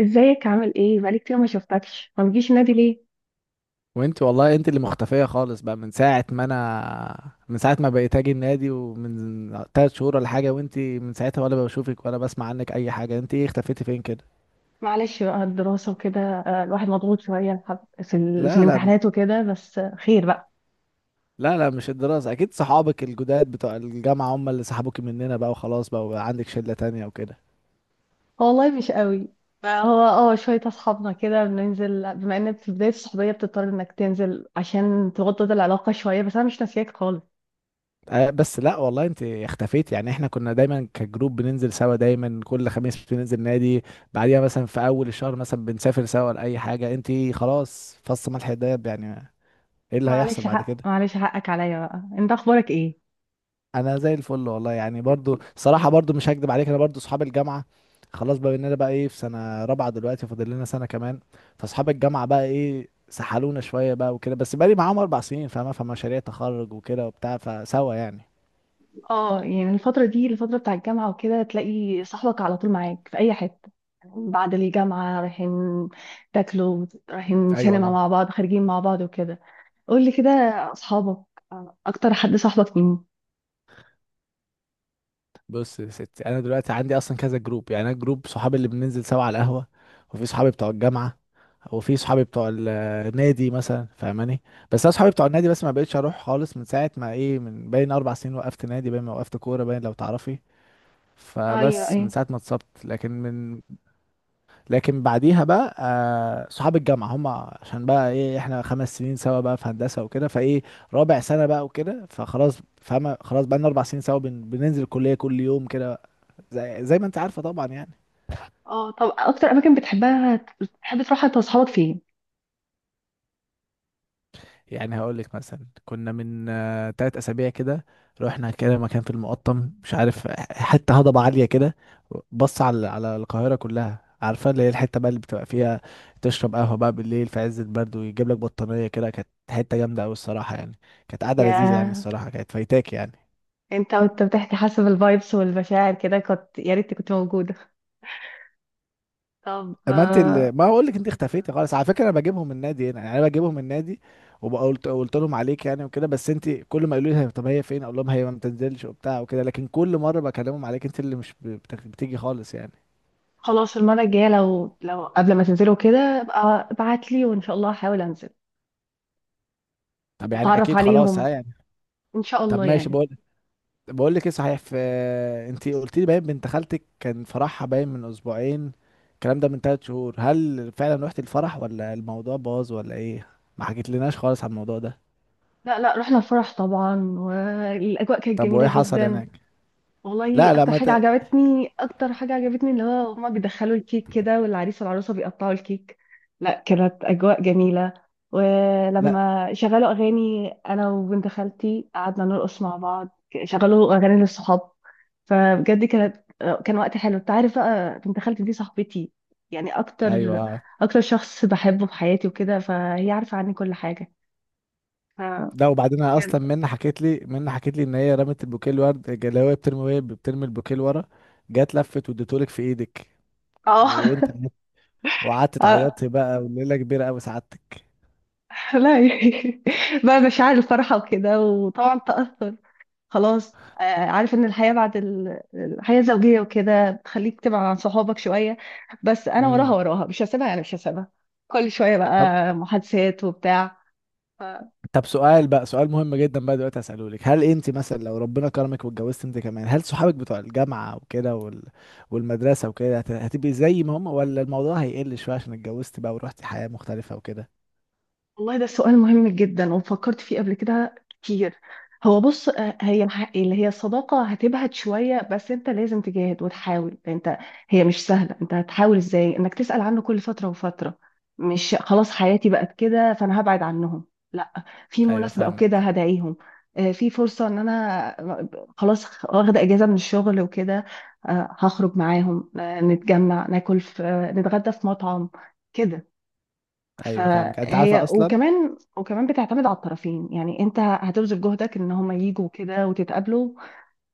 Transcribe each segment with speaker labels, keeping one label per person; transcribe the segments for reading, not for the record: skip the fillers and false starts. Speaker 1: ازيك، عامل ايه؟ بقالي كتير ما شفتكش، ما بتجيش النادي ليه؟
Speaker 2: وانت والله انت اللي مختفية خالص بقى من ساعة ما بقيت اجي النادي ومن تلات شهور ولا حاجة، وانت من ساعتها ولا بشوفك ولا بسمع عنك اي حاجة. انت ايه، اختفيتي فين كده؟
Speaker 1: معلش بقى، الدراسة وكده. الواحد مضغوط شوية، في
Speaker 2: لا لا.
Speaker 1: الامتحانات وكده، بس خير بقى.
Speaker 2: لا لا، مش الدراسة، اكيد صحابك الجداد بتوع الجامعة هم اللي سحبوك مننا بقى وخلاص، بقى وبقى عندك شلة تانية وكده.
Speaker 1: والله مش قوي. فهو، اه شوية اصحابنا كده بننزل، بما ان في بداية الصحوبية بتضطر انك تنزل عشان توطد العلاقة شوية، بس انا مش ناسياك خالص.
Speaker 2: اه بس لا والله انت اختفيتي، يعني احنا كنا دايما كجروب بننزل سوا، دايما كل خميس بننزل نادي، بعديها مثلا في اول الشهر مثلا بنسافر سوا لاي حاجة، انت خلاص فص ملح الدايب يعني. ايه اللي هيحصل
Speaker 1: معلش
Speaker 2: بعد
Speaker 1: حق
Speaker 2: كده؟
Speaker 1: معلش حقك عليا بقى. انت اخبارك ايه؟
Speaker 2: انا زي الفل والله، يعني برضو صراحة، برضو مش هكدب عليك، انا برضو صحاب الجامعة خلاص بقى اننا بقى ايه في سنة رابعة دلوقتي، فاضل لنا سنة كمان. فاصحاب الجامعة بقى ايه سحلونا شوية بقى وكده، بس بقالي معاهم اربع سنين فاهمة، فمشاريع تخرج وكده وبتاع فسوا يعني.
Speaker 1: اه يعني الفترة دي الفترة بتاع الجامعة وكده، تلاقي صاحبك على طول معاك في أي حتة. بعد الجامعة، رايحين تاكلوا، رايحين
Speaker 2: ايوه
Speaker 1: سينما
Speaker 2: والله.
Speaker 1: مع بعض، خارجين مع بعض وكده. قولي كده، أصحابك، أكتر حد صاحبك مين؟
Speaker 2: بص يا ستي، انا دلوقتي عندي اصلا كذا جروب، يعني انا جروب صحابي اللي بننزل سوا على القهوه، وفي صحابي بتوع الجامعه، وفي صحابي بتوع النادي مثلا، فاهماني؟ بس انا صحابي بتوع النادي بس ما بقتش اروح خالص من ساعه ما ايه، من باين اربع سنين وقفت نادي، باين ما وقفت كوره، باين لو تعرفي.
Speaker 1: أيوة،
Speaker 2: فبس من
Speaker 1: أيوة.
Speaker 2: ساعه ما اتصبت. لكن بعديها بقى صحاب الجامعه هم عشان بقى ايه احنا خمس سنين سوا بقى في هندسه وكده، فايه رابع سنه بقى وكده، فخلاص فاهمه، خلاص بقى لنا اربع سنين سوا بننزل الكليه كل يوم كده، زي ما انت عارفه طبعا يعني.
Speaker 1: اه طب، أكتر أماكن بتحبها، بتحب تروحها أنت وأصحابك فين؟
Speaker 2: يعني هقول لك مثلا، كنا من تلات اسابيع كده رحنا كده مكان في المقطم، مش عارف حته هضبه عاليه كده، بص على القاهره كلها، عارفه اللي هي الحته بقى اللي بتبقى فيها تشرب قهوه بقى بالليل في عز البرد ويجيب لك بطانيه كده. كانت حته جامده قوي الصراحه يعني، كانت قاعده لذيذه يعني
Speaker 1: يا
Speaker 2: الصراحه، كانت فايتاك يعني.
Speaker 1: أنت بتحكي حسب الفايبس والمشاعر كده، كنت يا ريت كنت موجودة. طب،
Speaker 2: ما اقول لك انت اختفيتي خالص على فكره، انا بجيبهم من النادي هنا، يعني انا بجيبهم من النادي وقلت لهم عليك يعني وكده، بس انت كل ما يقولوا لي طب هي فين اقول لهم هي ما بتنزلش وبتاع وكده، لكن كل مره بكلمهم عليك انت اللي مش بتيجي خالص يعني.
Speaker 1: خلاص، المرة الجاية، لو قبل ما تنزلوا كده ابقى ابعت لي، وإن شاء الله هحاول أنزل.
Speaker 2: طب يعني
Speaker 1: اتعرف
Speaker 2: اكيد خلاص
Speaker 1: عليهم،
Speaker 2: ها يعني.
Speaker 1: ان شاء
Speaker 2: طب
Speaker 1: الله
Speaker 2: ماشي،
Speaker 1: يعني.
Speaker 2: بقول لك ايه صحيح، انت قلت لي باين بنت خالتك كان فرحها باين من اسبوعين، الكلام ده من ثلاث شهور، هل فعلا رحت الفرح ولا الموضوع باظ ولا ايه؟ ما حكيت لناش خالص عن الموضوع ده.
Speaker 1: لا لا، رحنا الفرح طبعا، والاجواء كانت
Speaker 2: طب
Speaker 1: جميله
Speaker 2: وايه حصل
Speaker 1: جدا.
Speaker 2: هناك؟
Speaker 1: والله،
Speaker 2: لا لا.
Speaker 1: اكتر
Speaker 2: ما ت...
Speaker 1: حاجه عجبتني، اللي هو هما بيدخلوا الكيك كده، والعريس والعروسه بيقطعوا الكيك. لا، كانت اجواء جميله.
Speaker 2: لا.
Speaker 1: ولما شغلوا اغاني، انا وبنت خالتي قعدنا نرقص مع بعض، شغلوا اغاني للصحاب. فبجد كان وقت حلو. انت عارف بقى، بنت خالتي دي صاحبتي، يعني اكتر
Speaker 2: ايوه،
Speaker 1: اكتر شخص بحبه في حياتي وكده، فهي عارفه عني كل حاجه. فكان
Speaker 2: ده وبعدين أنا اصلا منى حكيت لي ان هي رمت البوكيه الورد، اللي هو بترمي، وهي بترمي البوكيه لورا جت لفت واديتهولك في ايدك،
Speaker 1: اه
Speaker 2: وانت وقعدت تعيطي بقى، وليله كبيره قوي سعادتك.
Speaker 1: لا بقى مشاعر الفرحة وكده، وطبعا تأثر. خلاص، عارف ان الحياة بعد الحياة الزوجية وكده بتخليك تبعد عن صحابك شوية، بس انا وراها
Speaker 2: امم
Speaker 1: وراها، مش هسيبها يعني، مش هسيبها. كل شوية
Speaker 2: طب
Speaker 1: بقى، محادثات وبتاع.
Speaker 2: طب، سؤال بقى سؤال مهم جدا بقى دلوقتي هسأله لك، هل انت مثلا لو ربنا كرمك واتجوزت انت كمان، هل صحابك بتوع الجامعه وكده والمدرسه وكده هتبقي زي ما هم، ولا الموضوع هيقل شويه عشان اتجوزت بقى ورحتي حياه مختلفه وكده؟
Speaker 1: والله ده سؤال مهم جدا، وفكرت فيه قبل كده كتير. هو بص، هي اللي هي الصداقة هتبهت شوية، بس انت لازم تجاهد وتحاول. انت هي مش سهلة. انت هتحاول ازاي انك تسأل عنه كل فترة وفترة؟ مش خلاص حياتي بقت كده فانا هبعد عنهم. لا، في
Speaker 2: ايوه
Speaker 1: مناسبة او كده
Speaker 2: فاهمك.
Speaker 1: هدعيهم. في فرصة ان انا خلاص واخدة اجازة من الشغل وكده، هخرج معاهم، نتجمع، ناكل في... نتغدى في مطعم كده.
Speaker 2: ايوه فاهمك، انت عارفه
Speaker 1: فهي
Speaker 2: اصلا.
Speaker 1: وكمان بتعتمد على الطرفين، يعني انت هتبذل جهدك ان هم يجوا كده وتتقابلوا،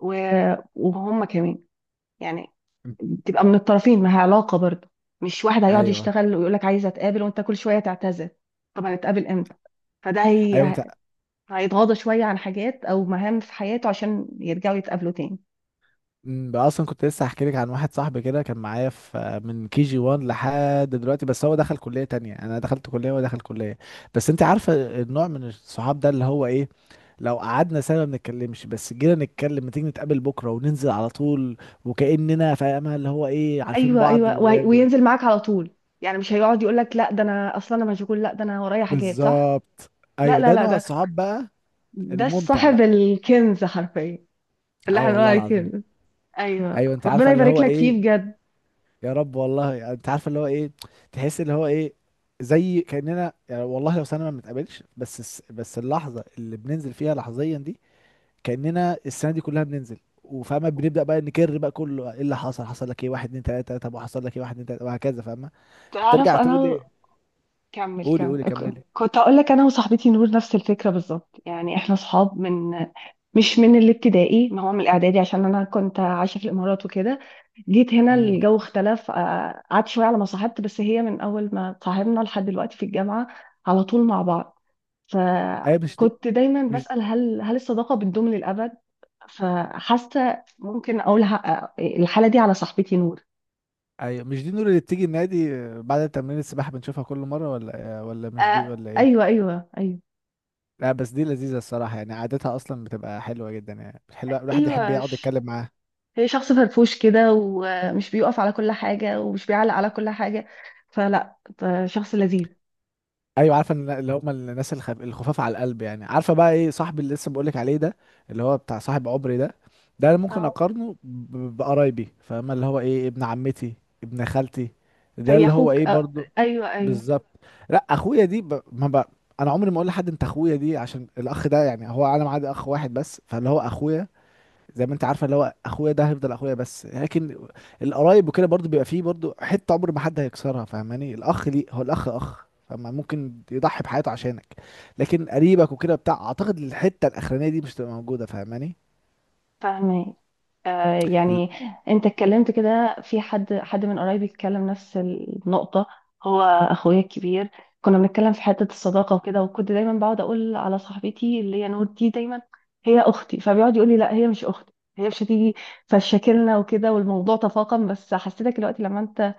Speaker 1: وهم كمان يعني، تبقى من الطرفين، ما هي علاقة برضه. مش واحد هيقعد
Speaker 2: ايوه
Speaker 1: يشتغل ويقول لك عايز اتقابل وانت كل شوية تعتذر، طب هنتقابل امتى؟ فده
Speaker 2: ايوه. انت
Speaker 1: هيتغاضى شوية عن حاجات او مهام في حياته عشان يرجعوا يتقابلوا تاني.
Speaker 2: بقى اصلا كنت لسه هحكي لك عن واحد صاحبي كده كان معايا في من كي جي 1 لحد دلوقتي، بس هو دخل كليه تانية، انا دخلت كليه وهو دخل كليه. بس انت عارفه النوع من الصحاب ده اللي هو ايه، لو قعدنا سنه ما بنتكلمش بس جينا نتكلم ما تيجي نتقابل بكره وننزل على طول، وكاننا فاهمه اللي هو ايه عارفين
Speaker 1: ايوه
Speaker 2: بعض
Speaker 1: ايوه،
Speaker 2: ب-
Speaker 1: وينزل معاك على طول، يعني مش هيقعد يقول لك لا ده انا اصلا مشغول، لا ده انا ورايا حاجات، صح.
Speaker 2: بالظبط.
Speaker 1: لا
Speaker 2: ايوه
Speaker 1: لا
Speaker 2: ده
Speaker 1: لا،
Speaker 2: نوع
Speaker 1: ده
Speaker 2: الصحاب بقى
Speaker 1: ده
Speaker 2: الممتع
Speaker 1: صاحب
Speaker 2: بقى.
Speaker 1: الكنز حرفيا، اللي
Speaker 2: اه
Speaker 1: احنا بنقول
Speaker 2: والله
Speaker 1: عليه
Speaker 2: العظيم.
Speaker 1: كنز. ايوه،
Speaker 2: ايوه انت عارفه
Speaker 1: ربنا
Speaker 2: اللي
Speaker 1: يبارك
Speaker 2: هو
Speaker 1: لك
Speaker 2: ايه،
Speaker 1: فيه بجد.
Speaker 2: يا رب والله، يعني انت عارفه اللي هو ايه، تحس اللي هو ايه، زي كاننا يعني والله لو سنه ما بنتقابلش، بس اللحظه اللي بننزل فيها لحظيا دي كاننا السنه دي كلها بننزل، وفاهمه بنبدا بقى نكر بقى كله ايه اللي حصل، حصل لك ايه واحد اتنين تلاته، طب وحصل لك ايه واحد اتنين تلاته، وهكذا فاهمه.
Speaker 1: تعرف
Speaker 2: بترجع تقول
Speaker 1: انا...
Speaker 2: ايه؟
Speaker 1: كمل
Speaker 2: قولي
Speaker 1: كمل.
Speaker 2: قولي
Speaker 1: أوكي،
Speaker 2: كملي.
Speaker 1: كنت اقول لك، انا وصاحبتي نور نفس الفكره بالظبط. يعني احنا صحاب مش من الابتدائي، ما هو من الاعدادي، عشان انا كنت عايشه في الامارات وكده. جيت هنا
Speaker 2: امم،
Speaker 1: الجو اختلف، قعدت شويه على ما صاحبت، بس هي من اول ما صاحبنا لحد دلوقتي في الجامعه على طول مع بعض.
Speaker 2: ايوه
Speaker 1: فكنت دايما
Speaker 2: مش
Speaker 1: بسأل، هل الصداقه بتدوم للابد؟ فحاسه ممكن اقول الحاله دي على صاحبتي نور.
Speaker 2: ايوه مش دي النور اللي بتيجي النادي بعد تمرين السباحه بنشوفها كل مره، ولا مش دي،
Speaker 1: آه
Speaker 2: ولا
Speaker 1: ايوه
Speaker 2: ايه؟
Speaker 1: ايوه ايوه،
Speaker 2: لا بس دي لذيذة الصراحة يعني، قعدتها أصلا بتبقى حلوة جدا يعني، حلوة الواحد يحب
Speaker 1: ايوه
Speaker 2: يقعد يتكلم معاه.
Speaker 1: هي شخص فرفوش كده، ومش بيقف على كل حاجه، ومش بيعلق على كل حاجه، فلا شخص لذيذ.
Speaker 2: أيوة عارفة اللي هم الناس الخفاف على القلب، يعني عارفة بقى إيه صاحبي اللي لسه بقولك عليه ده، اللي هو بتاع صاحب عمري ده، ده أنا ممكن
Speaker 1: اه،
Speaker 2: أقارنه بقرايبي، فاهمة اللي هو إيه، ابن عمتي، ابن خالتي، ده
Speaker 1: زي
Speaker 2: اللي هو
Speaker 1: اخوك
Speaker 2: إيه برضو.
Speaker 1: ايوه ايوه.
Speaker 2: بالظبط. لا أخويا دي ب... ما ب... أنا عمري ما أقول لحد أنت أخويا دي، عشان الأخ ده يعني، هو أنا معادي أخ واحد بس، فاللي هو أخويا زي ما انت عارفه، اللي هو اخويا ده هيفضل اخويا بس. لكن القرايب وكده برضو بيبقى فيه برضو حته عمر ما حد هيكسرها، فاهماني؟ الاخ ليه هو الاخ اخ، فما ممكن يضحي بحياته عشانك، لكن قريبك وكده بتاع، اعتقد الحته الاخرانيه دي مش هتبقى موجوده، فاهماني؟
Speaker 1: فاهمة.
Speaker 2: ال-
Speaker 1: يعني انت اتكلمت كده في حد من قرايبي اتكلم نفس النقطة، هو اخويا الكبير. كنا بنتكلم في حتة الصداقة وكده، وكنت دايما بقعد اقول على صاحبتي اللي هي نور دي دايما هي اختي، فبيقعد يقول لي لا هي مش اختي، هي مش هتيجي، فشاكلنا وكده والموضوع تفاقم. بس حسيتك دلوقتي لما انت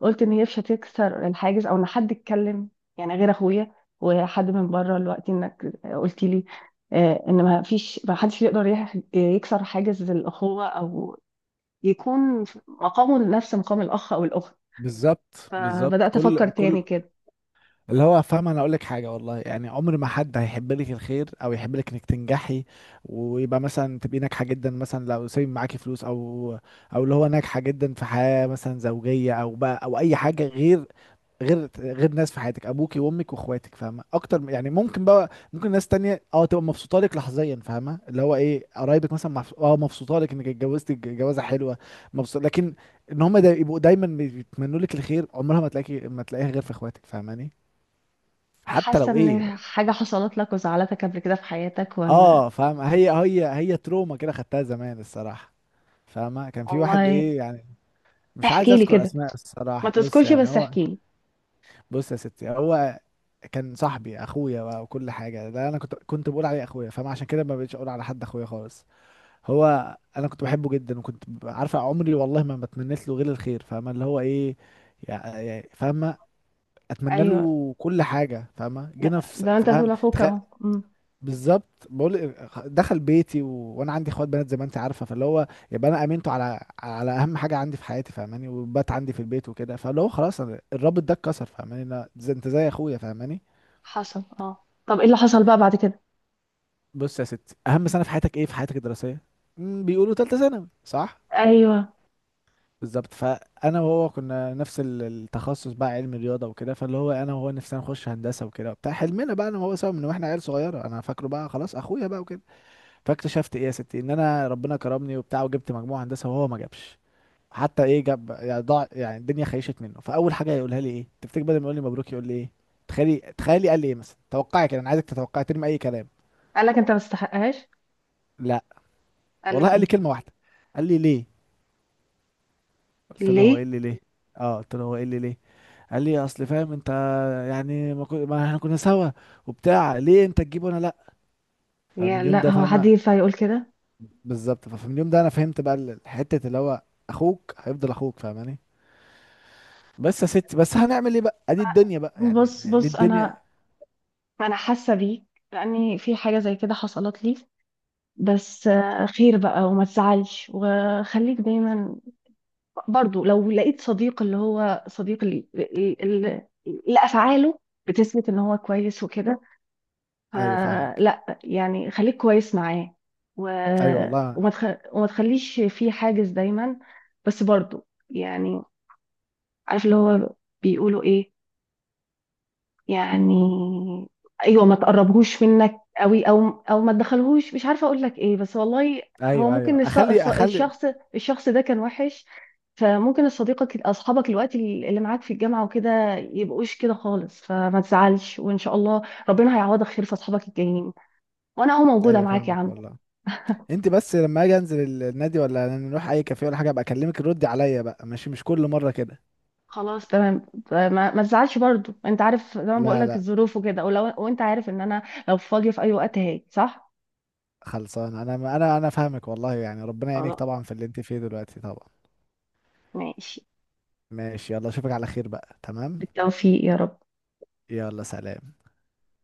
Speaker 1: قلت ان هي مش هتكسر الحاجز، او ان حد اتكلم يعني غير اخويا، وحد من بره، الوقت انك قلت لي ان ما حدش يقدر يكسر حاجز الاخوه، او يكون مقامه نفس مقام الاخ او الاخت.
Speaker 2: بالظبط بالظبط،
Speaker 1: فبدات افكر
Speaker 2: كل
Speaker 1: تاني
Speaker 2: كل
Speaker 1: كده.
Speaker 2: اللي هو فاهم. انا اقول لك حاجه والله يعني، عمر ما حد هيحب لك الخير او يحب لك انك تنجحي، ويبقى مثلا تبقي ناجحه جدا، مثلا لو سايب معاكي فلوس، او او اللي هو ناجحه جدا في حياه مثلا زوجيه، او بقى او اي حاجه، غير غير ناس في حياتك ابوكي وامك واخواتك، فاهمه اكتر يعني، ممكن بقى ممكن ناس تانية تبقى مبسوطه لك لحظيا، فاهمه اللي هو ايه قرايبك مثلا مبسوطه لك انك اتجوزتي جوازه حلوه، مبسوط، لكن ان هم دا يبقوا دايما بيتمنوا لك الخير عمرها ما تلاقيها غير في اخواتك، فاهماني؟ حتى
Speaker 1: حاسه
Speaker 2: لو ايه، لا.
Speaker 1: ان حاجه حصلت لك وزعلتك قبل كده في حياتك، ولا؟
Speaker 2: اه فاهم، هي تروما كده خدتها زمان الصراحه، فاهمه؟ كان في واحد
Speaker 1: والله.
Speaker 2: ايه يعني، مش عايز
Speaker 1: احكي لي
Speaker 2: اذكر
Speaker 1: كده،
Speaker 2: اسماء
Speaker 1: ما
Speaker 2: الصراحه، بص
Speaker 1: تذكرش
Speaker 2: يعني
Speaker 1: بس
Speaker 2: هو.
Speaker 1: احكي لي.
Speaker 2: بص يا ستي، هو كان صاحبي اخويا بقى وكل حاجه، ده انا كنت بقول عليه اخويا فاهم، عشان كده ما بقتش اقول على حد اخويا خالص. هو انا كنت بحبه جدا، وكنت عارفه عمري والله ما بتمنيت له غير الخير، فاهمه اللي هو ايه، يعني فاهمه، اتمنى
Speaker 1: ايوه.
Speaker 2: له كل حاجه، فاهمه؟ جينا
Speaker 1: لا،
Speaker 2: في
Speaker 1: زي ما انت بتقول
Speaker 2: فاهم.
Speaker 1: اخوك اهو.
Speaker 2: بالظبط، بقول دخل بيتي وانا عندي اخوات بنات زي ما انت عارفه، فاللي هو يبقى انا امنته على اهم حاجه عندي في حياتي، فاهماني؟ وبات عندي في البيت وكده، فاللي هو خلاص أنا الرابط ده اتكسر، فاهماني؟ لا زي انت زي اخويا، فاهماني؟
Speaker 1: حصل. اه طب، ايه اللي حصل بقى بعد كده؟
Speaker 2: بص يا ستي، اهم سنه في حياتك ايه في حياتك الدراسيه؟ بيقولوا ثالثه ثانوي، صح؟
Speaker 1: ايوه.
Speaker 2: بالظبط. فانا وهو كنا نفس التخصص بقى، علم رياضه وكده، فاللي هو انا وهو نفسنا نخش هندسه وكده وبتاع، حلمنا بقى انا وهو سوا من واحنا عيال صغيره، انا فاكره بقى خلاص اخويا بقى وكده. فاكتشفت ايه يا ستي، ان انا ربنا كرمني وبتاع وجبت مجموع هندسه، وهو ما جابش، حتى ايه جاب يعني، ضاع يعني الدنيا خيشت منه. فاول حاجه يقولها لي ايه تفتكر؟ بدل ما يقول لي مبروك يقول لي ايه، تخيلي تخيلي. قال لي ايه مثلا؟ توقعي كده، انا عايزك تتوقعي، ترمي اي كلام.
Speaker 1: قال لك انت ما تستحقهاش؟
Speaker 2: لا
Speaker 1: قال
Speaker 2: والله،
Speaker 1: لك
Speaker 2: قال لي
Speaker 1: ايه؟
Speaker 2: كلمه واحده، قال لي ليه. قلت له هو ايه
Speaker 1: ليه؟
Speaker 2: اللي ليه. اه، قلت له هو ايه اللي ليه. قال لي اصل فاهم انت، يعني ما احنا كنا سوا وبتاع، ليه انت تجيب وانا لا. فمن
Speaker 1: يعني
Speaker 2: اليوم
Speaker 1: لا،
Speaker 2: ده
Speaker 1: هو حد
Speaker 2: فاهمه،
Speaker 1: ينفع يقول كده؟
Speaker 2: بالظبط فمن اليوم ده انا فهمت بقى الحته اللي هو اخوك هيفضل اخوك، فاهماني؟ بس يا ستي، بس هنعمل ايه بقى، ادي الدنيا بقى يعني،
Speaker 1: بص
Speaker 2: دي
Speaker 1: بص،
Speaker 2: الدنيا.
Speaker 1: انا حاسه بيك، لاني في حاجه زي كده حصلت لي. بس خير بقى، وما تزعلش، وخليك دايما، برضو لو لقيت صديق اللي هو صديق اللي افعاله بتثبت ان هو كويس وكده،
Speaker 2: ايوه فاهمك.
Speaker 1: فلا يعني خليك كويس معاه. و...
Speaker 2: ايوه والله.
Speaker 1: وما تخ... وما تخليش في حاجز دايما، بس برضو يعني عارف اللي هو بيقولوا ايه، يعني ايوه، ما تقربهوش منك قوي، او ما تدخلهوش، مش عارفه اقول لك ايه، بس والله. هو
Speaker 2: ايوه ايوه،
Speaker 1: ممكن
Speaker 2: اخلي اخلي.
Speaker 1: الشخص ده كان وحش، فممكن اصحابك الوقت اللي معاك في الجامعه وكده يبقوش كده خالص، فما تزعلش، وان شاء الله ربنا هيعوضك خير في اصحابك الجايين، وانا اهو موجوده
Speaker 2: ايوه
Speaker 1: معاك يا
Speaker 2: فاهمك
Speaker 1: عم.
Speaker 2: والله. انت بس لما اجي انزل النادي ولا نروح اي كافيه ولا حاجه ابقى اكلمك، ردي عليا بقى، ماشي، مش كل مره كده.
Speaker 1: خلاص، تمام. ما تزعلش برضو. انت عارف زي ما بقول
Speaker 2: لا
Speaker 1: لك،
Speaker 2: لا.
Speaker 1: الظروف وكده، وانت عارف ان انا لو فاضيه في اي وقت هاجي، صح؟
Speaker 2: خلصان، انا فاهمك والله يعني، ربنا يعينك طبعا في اللي انت فيه دلوقتي طبعا.
Speaker 1: ماشي.
Speaker 2: ماشي. يلا اشوفك على خير بقى، تمام.
Speaker 1: بالتوفيق يا رب.
Speaker 2: يلا سلام.